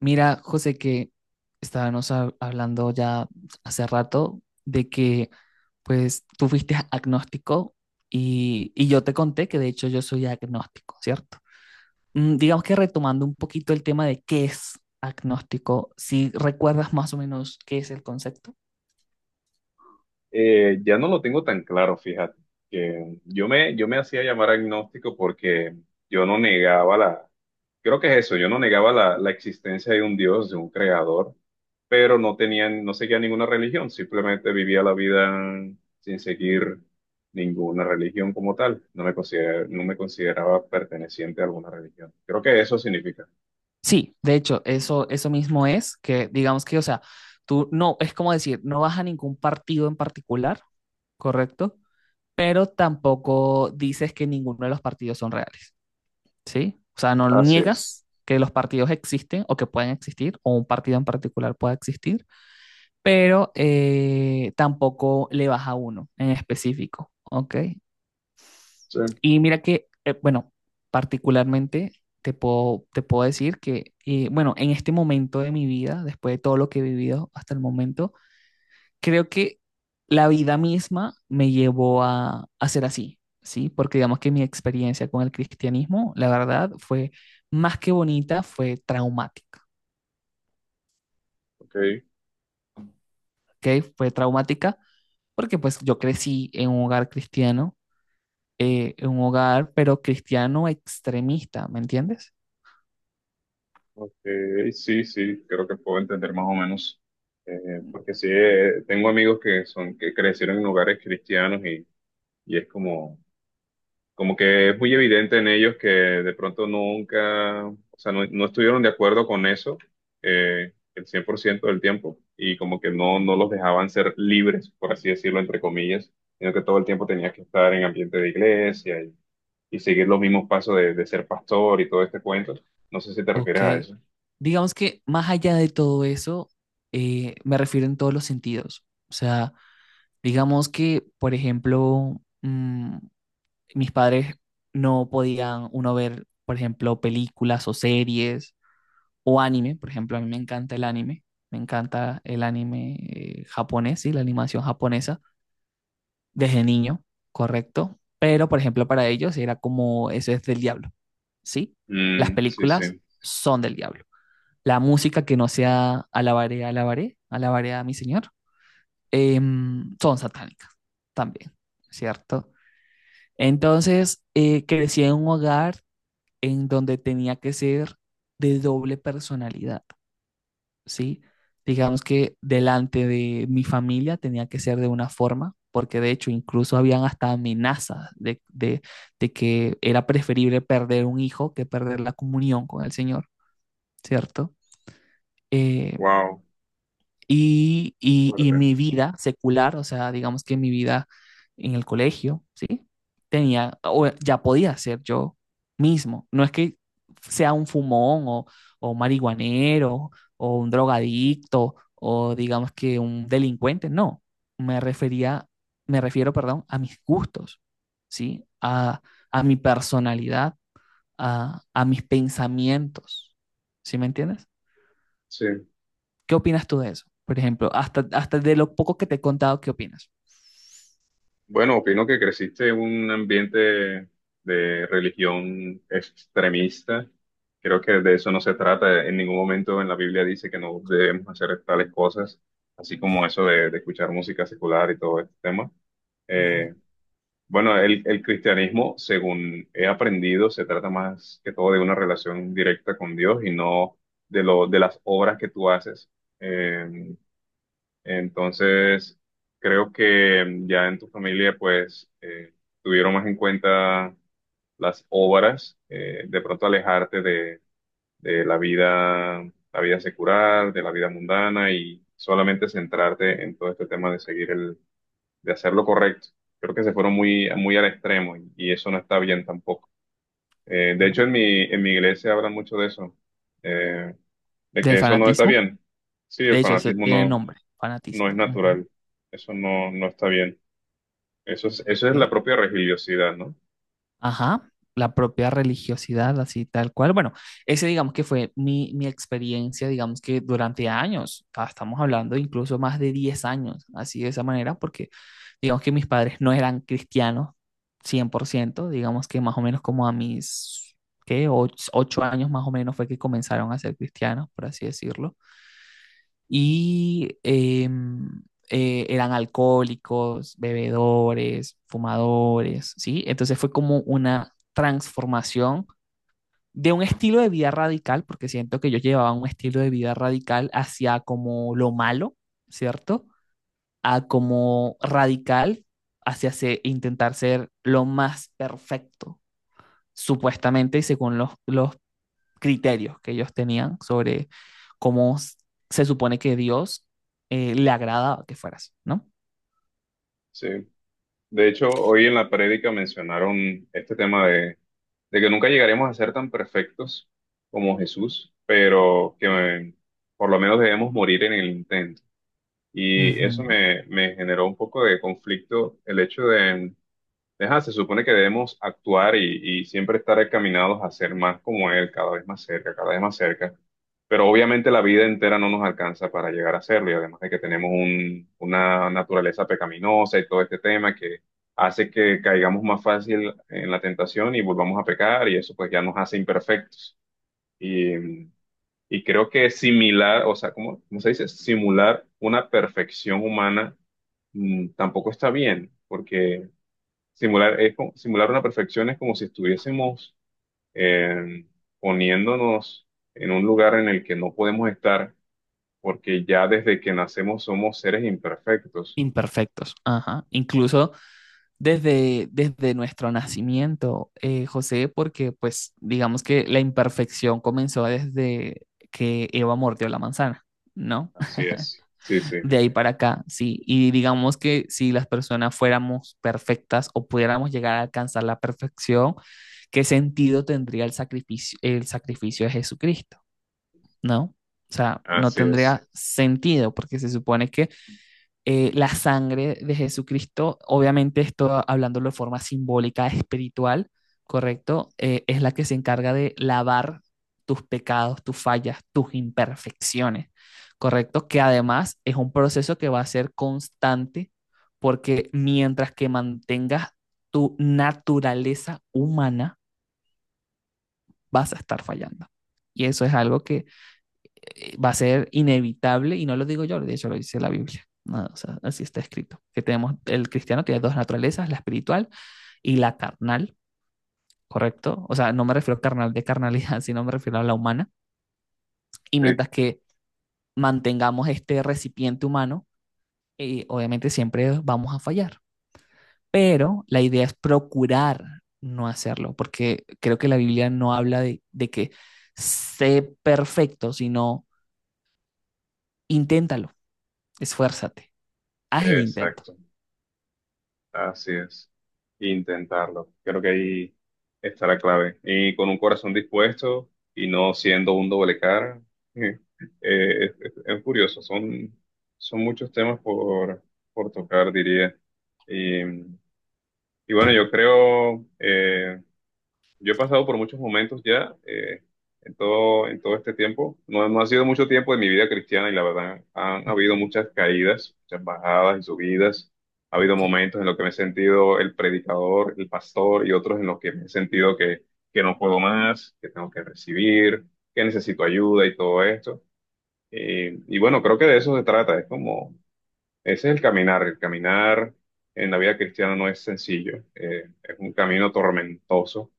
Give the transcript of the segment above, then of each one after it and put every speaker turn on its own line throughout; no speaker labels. Mira, José, que estábamos hablando ya hace rato de que pues tú fuiste agnóstico y yo te conté que de hecho yo soy agnóstico, ¿cierto? Digamos que retomando un poquito el tema de qué es agnóstico, si recuerdas más o menos qué es el concepto.
Ya no lo tengo tan claro, fíjate. Yo me hacía llamar agnóstico porque yo no negaba creo que es eso, yo no negaba la existencia de un Dios, de un creador, pero no tenía, no seguía ninguna religión, simplemente vivía la vida sin seguir ninguna religión como tal. No me consideraba perteneciente a alguna religión. Creo que eso significa.
Sí, de hecho, eso mismo es, que digamos que, o sea, tú no, es como decir, no vas a ningún partido en particular, ¿correcto? Pero tampoco dices que ninguno de los partidos son reales, ¿sí? O sea, no
Así es.
niegas que los partidos existen o que pueden existir, o un partido en particular pueda existir, pero tampoco le vas a uno en específico, ¿ok?
Sí,
Y mira que, bueno, particularmente te puedo decir que, bueno, en este momento de mi vida, después de todo lo que he vivido hasta el momento, creo que la vida misma me llevó a ser así, ¿sí? Porque digamos que mi experiencia con el cristianismo, la verdad, fue más que bonita, fue traumática,
ok.
¿ok? Fue traumática porque pues yo crecí en un hogar cristiano, en un hogar, pero cristiano extremista, ¿me entiendes?
Ok, sí, sí, creo que puedo entender más o menos, porque sí, tengo amigos que son, que crecieron en lugares cristianos y es como, como que es muy evidente en ellos que de pronto nunca, o sea, no, no estuvieron de acuerdo con eso, el 100% del tiempo y como que no, no los dejaban ser libres, por así decirlo, entre comillas, sino que todo el tiempo tenías que estar en ambiente de iglesia y seguir los mismos pasos de ser pastor y todo este cuento. No sé si te refieres
Ok.
a eso.
Digamos que más allá de todo eso, me refiero en todos los sentidos. O sea, digamos que, por ejemplo, mis padres no podían uno ver, por ejemplo, películas o series o anime. Por ejemplo, a mí me encanta el anime, me encanta el anime japonés y la animación japonesa desde niño, correcto. Pero, por ejemplo, para ellos era como, eso es del diablo, ¿sí? Las
Mm, sí,
películas
sí.
son del diablo. La música que no sea alabaré, alabaré, alabaré a mi señor, son satánicas también, ¿cierto? Entonces, crecí en un hogar en donde tenía que ser de doble personalidad, ¿sí? Digamos que delante de mi familia tenía que ser de una forma, porque de hecho incluso habían hasta amenazas de que era preferible perder un hijo que perder la comunión con el Señor, ¿cierto? Eh,
Wow,
y
fuerte.
mi vida secular, o sea, digamos que mi vida en el colegio, ¿sí? Tenía, o ya podía ser yo mismo. No es que sea un fumón o un marihuanero o un drogadicto o digamos que un delincuente, no. Me refería, Me refiero, perdón, a mis gustos, ¿sí? A mi personalidad, a mis pensamientos, ¿sí me entiendes?
Sí.
¿Qué opinas tú de eso? Por ejemplo, hasta de lo poco que te he contado, ¿qué opinas?
Bueno, opino que creciste en un ambiente de religión extremista. Creo que de eso no se trata. En ningún momento en la Biblia dice que no debemos hacer tales cosas, así como eso de escuchar música secular y todo este tema. Eh,
Ujú.
bueno, el cristianismo, según he aprendido, se trata más que todo de una relación directa con Dios y no de de las obras que tú haces. Eh, Entonces, creo que ya en tu familia, pues, tuvieron más en cuenta las obras, de pronto alejarte de la vida secular, de la vida mundana y solamente centrarte en todo este tema de seguir de hacer lo correcto. Creo que se fueron muy, muy al extremo y eso no está bien tampoco. De hecho, en mi iglesia hablan mucho de eso, eh, de
Del
que eso no está
fanatismo.
bien. Sí, el
De hecho, eso
fanatismo
tiene nombre,
no es
fanatismo. Ujú,
natural. Eso no, no está bien. Eso es
ok.
la propia religiosidad, ¿no?
Ajá, la propia religiosidad, así tal cual. Bueno, ese digamos que fue mi experiencia, digamos que durante años, estamos hablando incluso más de 10 años, así de esa manera, porque digamos que mis padres no eran cristianos 100%, digamos que más o menos como a mis, ¿qué? ocho años más o menos fue que comenzaron a ser cristianos, por así decirlo y eran alcohólicos, bebedores, fumadores, ¿sí? Entonces fue como una transformación de un estilo de vida radical, porque siento que yo llevaba un estilo de vida radical hacia como lo malo, ¿cierto? A como radical hacia intentar ser lo más perfecto, supuestamente, y según los criterios que ellos tenían sobre cómo se supone que Dios le agrada que fueras, ¿no?
Sí. De hecho, hoy en la prédica mencionaron este tema de que nunca llegaremos a ser tan perfectos como Jesús, pero que por lo menos debemos morir en el intento. Y eso
Ujú.
me generó un poco de conflicto el hecho de Deja, se supone que debemos actuar y siempre estar encaminados a ser más como Él, cada vez más cerca, cada vez más cerca. Pero obviamente la vida entera no nos alcanza para llegar a serlo y además de que tenemos una naturaleza pecaminosa y todo este tema que hace que caigamos más fácil en la tentación y volvamos a pecar y eso pues ya nos hace imperfectos. Y, y creo que similar, o sea, ¿cómo, cómo se dice? Simular una perfección humana tampoco está bien porque simular una perfección es como si estuviésemos eh, poniéndonos en un lugar en el que no podemos estar, porque ya desde que nacemos somos seres imperfectos.
Imperfectos, ajá. Incluso desde nuestro nacimiento, José, porque pues digamos que la imperfección comenzó desde que Eva mordió la manzana, ¿no?
Así es. Sí, sí,
De ahí para acá, sí. Y digamos que si las personas fuéramos perfectas o pudiéramos llegar a alcanzar la perfección, ¿qué sentido tendría el sacrificio de Jesucristo? ¿No? O sea, no
así
tendría
es.
sentido porque se supone que la sangre de Jesucristo, obviamente esto hablándolo de forma simbólica, espiritual, ¿correcto? Es la que se encarga de lavar tus pecados, tus fallas, tus imperfecciones, ¿correcto? Que además es un proceso que va a ser constante porque mientras que mantengas tu naturaleza humana, vas a estar fallando. Y eso es algo que va a ser inevitable, y no lo digo yo, de hecho lo dice la Biblia. No, o sea, así está escrito. El cristiano tiene dos naturalezas, la espiritual y la carnal, ¿correcto? O sea, no me refiero a carnal de carnalidad, sino me refiero a la humana. Y
Sí,
mientras que mantengamos este recipiente humano, obviamente siempre vamos a fallar. Pero la idea es procurar no hacerlo, porque creo que la Biblia no habla de que sé perfecto, sino inténtalo, esfuérzate, haz el intento.
exacto. Así es, intentarlo. Creo que ahí está la clave. Y con un corazón dispuesto y no siendo un doble cara, eh, es curioso. Son, son muchos temas por tocar, diría. Y, y bueno, yo creo, yo he pasado por muchos momentos ya en todo este tiempo. No, no ha sido mucho tiempo de mi vida cristiana y la verdad han habido
Ujú,
muchas caídas, muchas bajadas y subidas. Ha habido
ok.
momentos en los que me he sentido el predicador, el pastor y otros en los que me he sentido que no puedo más, que tengo que recibir, que necesito ayuda y todo esto. Y bueno, creo que de eso se trata. Es como, ese es el caminar. El caminar en la vida cristiana no es sencillo. Es un camino tormentoso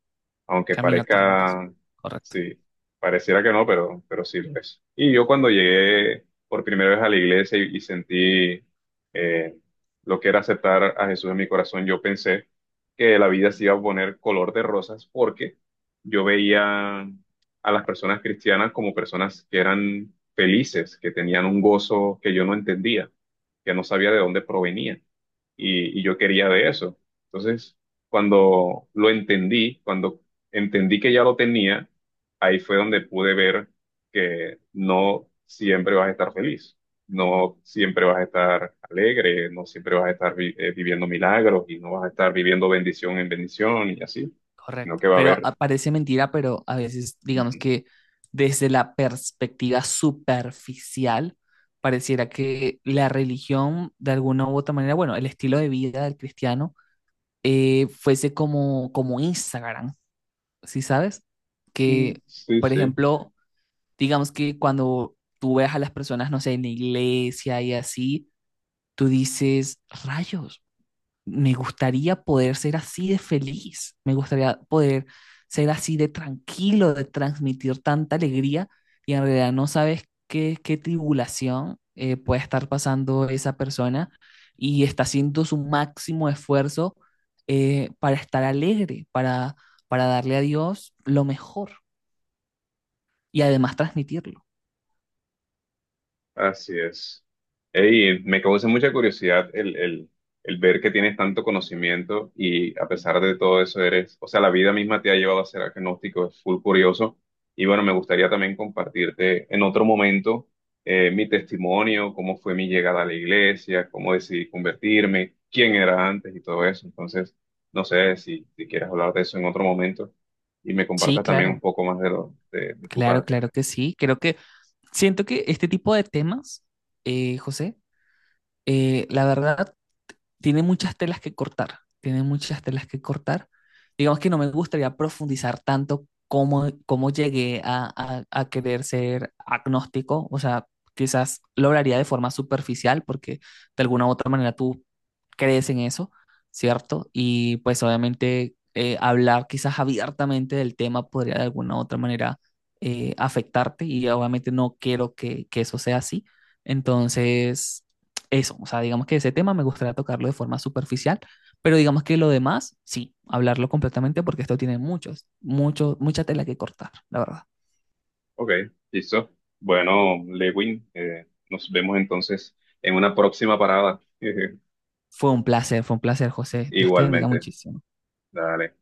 aunque
Camino tormentoso.
parezca,
Correcto,
sí, pareciera que no, pero sí lo es. Y yo cuando llegué por primera vez a la iglesia y sentí eh, lo que era aceptar a Jesús en mi corazón, yo pensé que la vida se iba a poner color de rosas porque yo veía a las personas cristianas como personas que eran felices, que tenían un gozo que yo no entendía, que no sabía de dónde provenía y yo quería de eso. Entonces, cuando lo entendí, cuando entendí que ya lo tenía, ahí fue donde pude ver que no siempre vas a estar feliz, no siempre vas a estar alegre, no siempre vas a estar viviendo milagros y no vas a estar viviendo bendición en bendición y así, sino
correcto.
que va a
Pero
haber...
parece mentira, pero a veces, digamos
Ujú.
que desde la perspectiva superficial, pareciera que la religión, de alguna u otra manera, bueno, el estilo de vida del cristiano, fuese como, Instagram, ¿sí sabes?
Mm,
Que,
sí,
por
sí.
ejemplo, digamos que cuando tú ves a las personas, no sé, en la iglesia y así, tú dices, rayos. Me gustaría poder ser así de feliz, me gustaría poder ser así de tranquilo, de transmitir tanta alegría y en realidad no sabes qué tribulación puede estar pasando esa persona y está haciendo su máximo esfuerzo para estar alegre, para darle a Dios lo mejor y además transmitirlo.
Así es. Ey, me causa mucha curiosidad el ver que tienes tanto conocimiento y a pesar de todo eso eres, o sea, la vida misma te ha llevado a ser agnóstico, es full curioso. Y bueno, me gustaría también compartirte en otro momento mi testimonio, cómo fue mi llegada a la iglesia, cómo decidí convertirme, quién era antes y todo eso. Entonces, no sé si, si quieres hablar de eso en otro momento y me
Sí,
compartas también un
claro,
poco más de, lo, de tu
claro,
parte.
claro que sí. Creo que siento que este tipo de temas, José, la verdad tiene muchas telas que cortar, tiene muchas telas que cortar. Digamos que no me gustaría profundizar tanto cómo llegué a querer ser agnóstico, o sea, quizás lo hablaría de forma superficial porque de alguna u otra manera tú crees en eso, ¿cierto? Y pues obviamente hablar quizás abiertamente del tema podría de alguna u otra manera afectarte y obviamente no quiero que eso sea así. Entonces, eso, o sea, digamos que ese tema me gustaría tocarlo de forma superficial, pero digamos que lo demás, sí, hablarlo completamente porque esto tiene mucha tela que cortar, la verdad.
Ok, listo. Bueno, Lewin, nos vemos entonces en una próxima parada.
Fue un placer, José. Dios te bendiga
Igualmente.
muchísimo.
Dale.